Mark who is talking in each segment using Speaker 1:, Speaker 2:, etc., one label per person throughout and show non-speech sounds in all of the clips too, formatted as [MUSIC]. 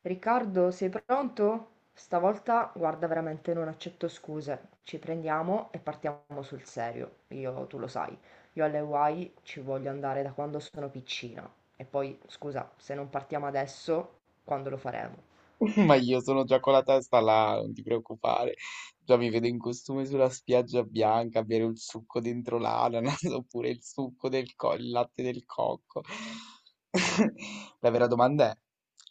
Speaker 1: Riccardo, sei pronto? Stavolta, guarda, veramente non accetto scuse. Ci prendiamo e partiamo sul serio. Io, tu lo sai, io alle Hawaii ci voglio andare da quando sono piccina. E poi, scusa, se non partiamo adesso, quando lo faremo?
Speaker 2: [LAUGHS] Ma io sono già con la testa là, non ti preoccupare. Già mi vedo in costume sulla spiaggia bianca a bere il succo dentro l'ananas [LAUGHS] oppure il succo il latte del cocco. [LAUGHS] La vera domanda è: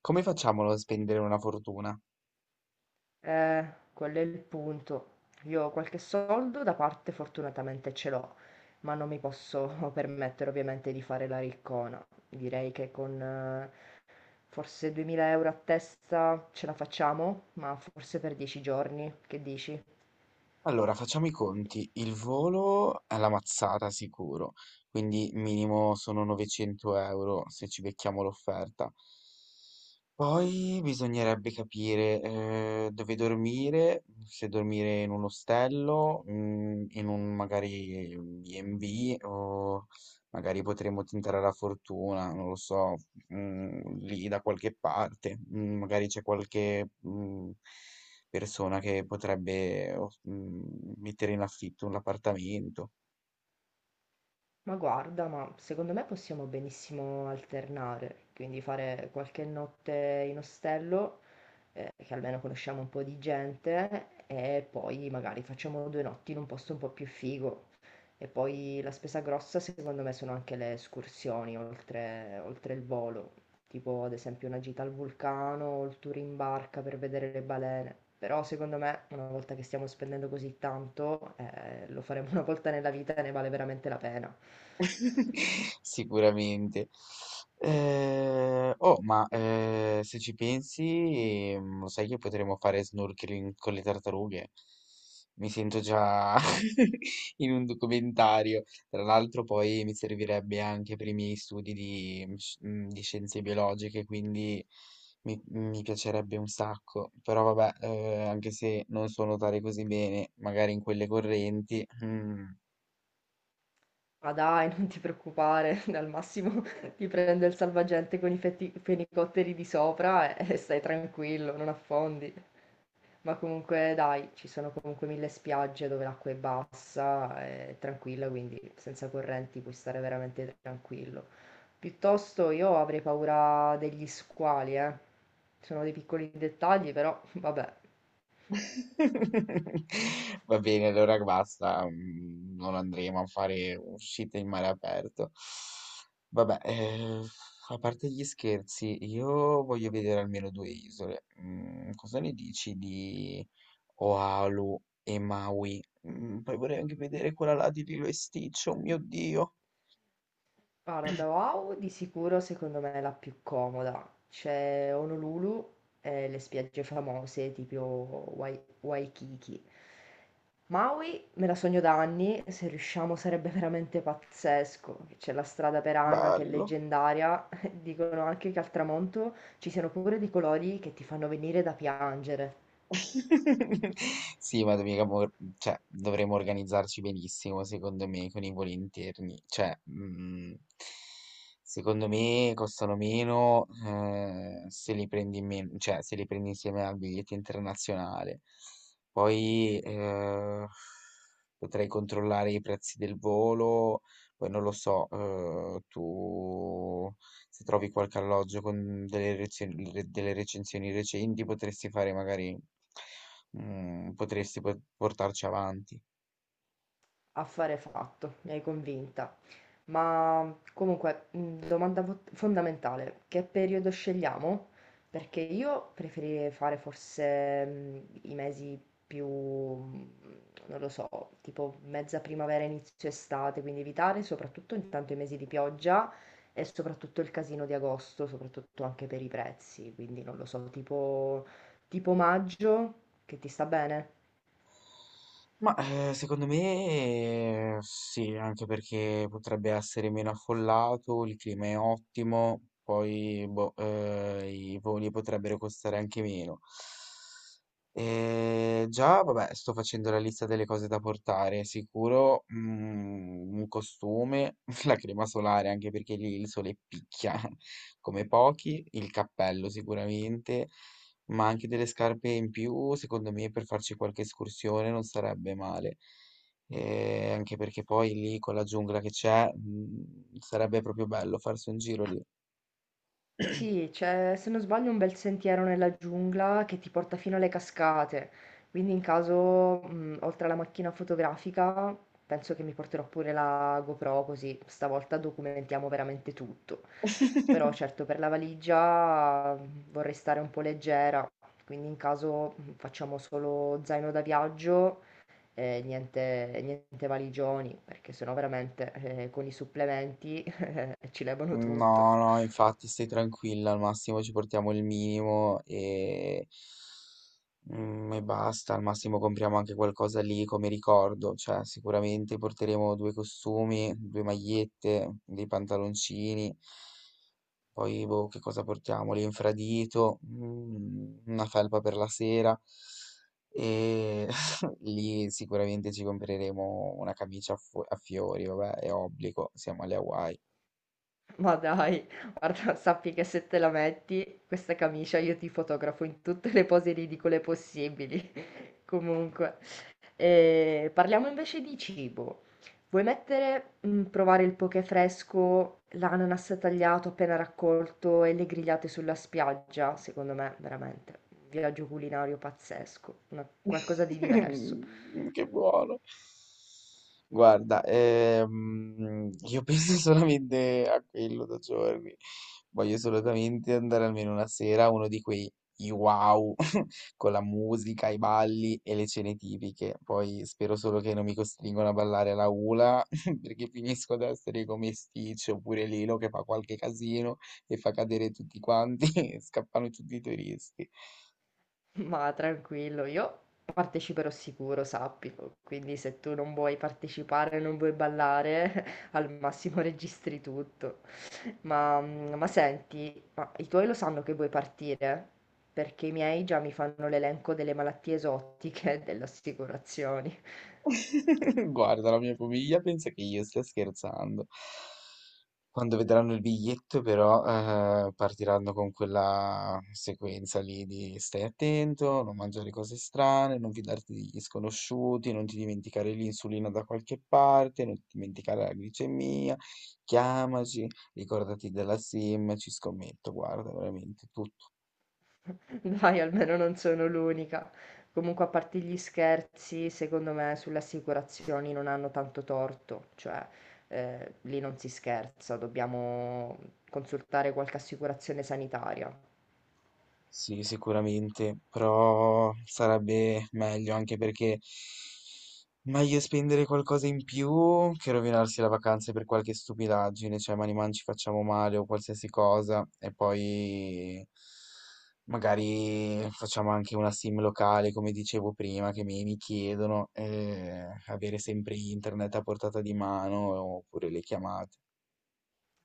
Speaker 2: come facciamo a non spendere una fortuna?
Speaker 1: Eh, quello è il punto. Io qualche soldo da parte fortunatamente ce l'ho, ma non mi posso [LAUGHS] permettere ovviamente di fare la riccona. Direi che con forse 2000 euro a testa ce la facciamo, ma forse per 10 giorni, che dici?
Speaker 2: Allora, facciamo i conti. Il volo è la mazzata sicuro, quindi minimo sono 900 euro se ci becchiamo l'offerta. Poi bisognerebbe capire, dove dormire, se dormire in un ostello, in un magari B&B o magari potremmo tentare la fortuna, non lo so, lì da qualche parte. Mhmm, Magari c'è qualche, persona che potrebbe o mettere in affitto un appartamento.
Speaker 1: Ma guarda, ma secondo me possiamo benissimo alternare, quindi fare qualche notte in ostello, che almeno conosciamo un po' di gente, e poi magari facciamo due notti in un posto un po' più figo. E poi la spesa grossa secondo me sono anche le escursioni oltre il volo, tipo ad esempio una gita al vulcano o il tour in barca per vedere le balene. Però secondo me una volta che stiamo spendendo così tanto, lo faremo [LAUGHS] una volta nella vita e ne vale veramente la pena.
Speaker 2: [LAUGHS] Sicuramente. Oh, ma se ci pensi, lo sai che potremmo fare snorkeling con le tartarughe? Mi sento già [LAUGHS] in un documentario. Tra l'altro, poi mi servirebbe anche per i miei studi di, di scienze biologiche, quindi mi piacerebbe un sacco. Però vabbè, anche se non so nuotare così bene, magari in quelle correnti. Mm.
Speaker 1: Ma dai, non ti preoccupare, [LAUGHS] al massimo ti prende il salvagente con i fenicotteri di sopra e stai tranquillo, non affondi. Ma comunque dai, ci sono comunque mille spiagge dove l'acqua è bassa, è tranquilla, quindi senza correnti puoi stare veramente tranquillo. Piuttosto io avrei paura degli squali, eh. Sono dei piccoli dettagli, però [LAUGHS] vabbè.
Speaker 2: [LAUGHS] Va bene, allora basta, non andremo a fare uscite in mare aperto. Vabbè, a parte gli scherzi, io voglio vedere almeno due isole. Cosa ne dici di Oahu e Maui? Poi vorrei anche vedere quella là di Lilo e Stitch, oh mio Dio,
Speaker 1: Guarda, wow, di sicuro secondo me è la più comoda. C'è Honolulu e le spiagge famose tipo Waikiki. Maui me la sogno da anni, se riusciamo sarebbe veramente pazzesco. C'è la strada Perana che è
Speaker 2: bello.
Speaker 1: leggendaria, [LAUGHS] dicono anche che al tramonto ci siano pure dei colori che ti fanno venire da piangere.
Speaker 2: [LAUGHS] Sì, ma mica cioè, dovremmo organizzarci benissimo, secondo me, con i voli interni. Cioè, secondo me costano meno se li prendi cioè, se li prendi insieme al biglietto internazionale. Poi potrei controllare i prezzi del volo, poi non lo so, tu se trovi qualche alloggio con delle recensioni recenti potresti fare magari, potresti portarci avanti.
Speaker 1: Affare fatto, mi hai convinta. Ma comunque, domanda fondamentale, che periodo scegliamo? Perché io preferirei fare forse i mesi più, non lo so, tipo mezza primavera, inizio estate, quindi evitare soprattutto intanto i mesi di pioggia e soprattutto il casino di agosto, soprattutto anche per i prezzi, quindi non lo so, tipo, tipo maggio, che ti sta bene?
Speaker 2: Ma secondo me sì, anche perché potrebbe essere meno affollato, il clima è ottimo, poi boh, i voli potrebbero costare anche meno. E già, vabbè, sto facendo la lista delle cose da portare. Sicuro, un costume, [LAUGHS] la crema solare, anche perché lì il sole picchia [LAUGHS] come pochi, il cappello sicuramente, ma anche delle scarpe in più, secondo me, per farci qualche escursione non sarebbe male. E anche perché poi lì con la giungla che c'è, sarebbe proprio bello farsi un giro lì.
Speaker 1: Sì, c'è, se non sbaglio, un bel sentiero nella giungla che ti porta fino alle cascate. Quindi, in caso, oltre alla macchina fotografica, penso che mi porterò pure la GoPro, così stavolta documentiamo veramente tutto. Però, certo, per la valigia vorrei stare un po' leggera. Quindi, in caso, facciamo solo zaino da viaggio e niente, niente valigioni, perché sennò veramente, con i supplementi, [LAUGHS] ci levano
Speaker 2: No,
Speaker 1: tutto.
Speaker 2: no, infatti stai tranquilla, al massimo ci portiamo il minimo e basta, al massimo compriamo anche qualcosa lì come ricordo, cioè sicuramente porteremo due costumi, due magliette, dei pantaloncini, poi boh, che cosa portiamo? L'infradito, una felpa per la sera e [LAUGHS] lì sicuramente ci compreremo una camicia a fiori, vabbè, è obbligo, siamo alle Hawaii.
Speaker 1: Ma dai, guarda, [LAUGHS] sappi che se te la metti questa camicia io ti fotografo in tutte le pose ridicole possibili. [LAUGHS] Comunque, eh, parliamo invece di cibo. Vuoi mettere, mm, provare il poke fresco, l'ananas tagliato appena raccolto e le grigliate sulla spiaggia? Secondo me, veramente, un viaggio culinario pazzesco,
Speaker 2: [LAUGHS]
Speaker 1: qualcosa di diverso.
Speaker 2: Mm, che buono. Guarda, io penso solamente a quello da giorni. Voglio assolutamente andare almeno una sera a uno di quei i wow [LAUGHS] con la musica, i balli e le cene tipiche. Poi spero solo che non mi costringono a ballare alla hula [LAUGHS] perché finisco ad essere come Stitch oppure Lilo che fa qualche casino e fa cadere tutti quanti [LAUGHS] e scappano tutti i turisti.
Speaker 1: Ma tranquillo, io parteciperò sicuro, sappilo. Quindi se tu non vuoi partecipare, non vuoi ballare, [LAUGHS] al massimo registri tutto. Ma, ma senti, ma i tuoi lo sanno che vuoi partire? Perché i miei già mi fanno l'elenco delle malattie esotiche [LAUGHS] e delle assicurazioni.
Speaker 2: [LAUGHS] Guarda, la mia famiglia pensa che io stia scherzando. Quando vedranno il biglietto, però, partiranno con quella sequenza lì di stai attento, non mangiare cose strane, non fidarti degli sconosciuti, non ti dimenticare l'insulina da qualche parte, non ti dimenticare la glicemia, chiamaci, ricordati della SIM, ci scommetto, guarda, veramente.
Speaker 1: Dai, almeno non sono l'unica. Comunque, a parte gli scherzi, secondo me sulle assicurazioni non hanno tanto torto, cioè lì non si scherza, dobbiamo consultare qualche assicurazione sanitaria.
Speaker 2: Sì, sicuramente, però sarebbe meglio anche perché meglio spendere qualcosa in più che rovinarsi la vacanza per qualche stupidaggine, cioè man ci facciamo male o qualsiasi cosa e poi magari facciamo anche una sim locale, come dicevo prima, che mi chiedono, avere sempre internet a portata di mano oppure le chiamate.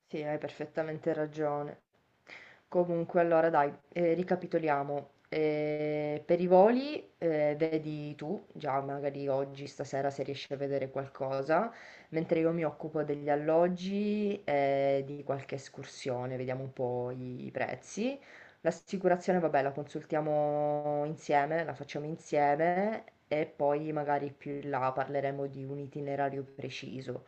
Speaker 1: Sì, hai perfettamente ragione. Comunque, allora dai, ricapitoliamo. Per i voli, vedi tu, già magari oggi, stasera, se riesci a vedere qualcosa, mentre io mi occupo degli alloggi e di qualche escursione, vediamo un po' i prezzi. L'assicurazione, vabbè, la consultiamo insieme, la facciamo insieme e poi magari più in là parleremo di un itinerario preciso.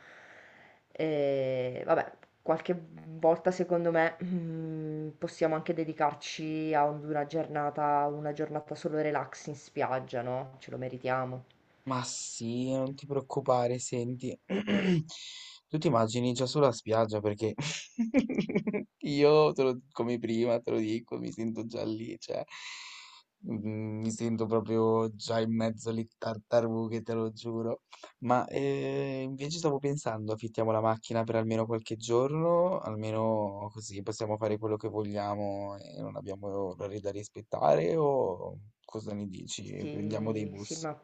Speaker 1: E, vabbè, qualche volta secondo me, mhmm, possiamo anche dedicarci a un una giornata solo relax in spiaggia, no, ce lo meritiamo.
Speaker 2: Ma sì, non ti preoccupare, senti, [CLEARS THROAT] tu ti immagini già sulla spiaggia perché [LAUGHS] io, come prima, te lo dico, mi sento già lì, cioè, mi sento proprio già in mezzo alle tartarughe, te lo giuro. Ma invece stavo pensando, affittiamo la macchina per almeno qualche giorno, almeno così possiamo fare quello che vogliamo e non abbiamo orari da rispettare, o cosa ne dici? Prendiamo dei
Speaker 1: Sì, sì,
Speaker 2: bus?
Speaker 1: ma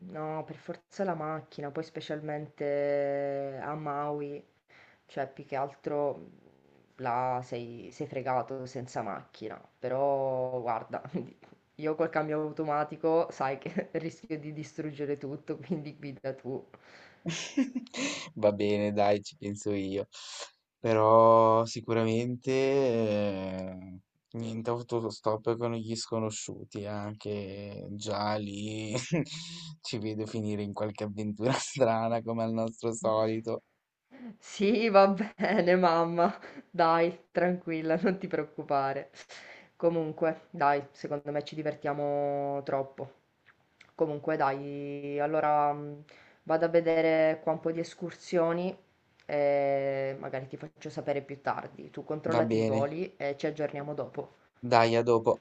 Speaker 1: no, per forza la macchina, poi specialmente a Maui, cioè più che altro, mhmm, là sei fregato senza macchina, però guarda, [LAUGHS] io col cambio automatico sai che [LAUGHS] rischio di distruggere tutto, quindi guida tu.
Speaker 2: [LAUGHS] Va bene, dai, ci penso io. Però sicuramente niente autostop con gli sconosciuti, anche già lì [LAUGHS] ci vedo finire in qualche avventura [LAUGHS] strana come al nostro solito.
Speaker 1: Sì, va [LAUGHS] bene mamma, dai, tranquilla, non ti preoccupare. Comunque, dai, secondo me ci divertiamo troppo. Comunque, dai, allora vado a vedere qua un po' di escursioni e magari ti faccio sapere più tardi. Tu
Speaker 2: Va
Speaker 1: controllati i
Speaker 2: bene,
Speaker 1: voli e ci aggiorniamo dopo.
Speaker 2: dai, a dopo.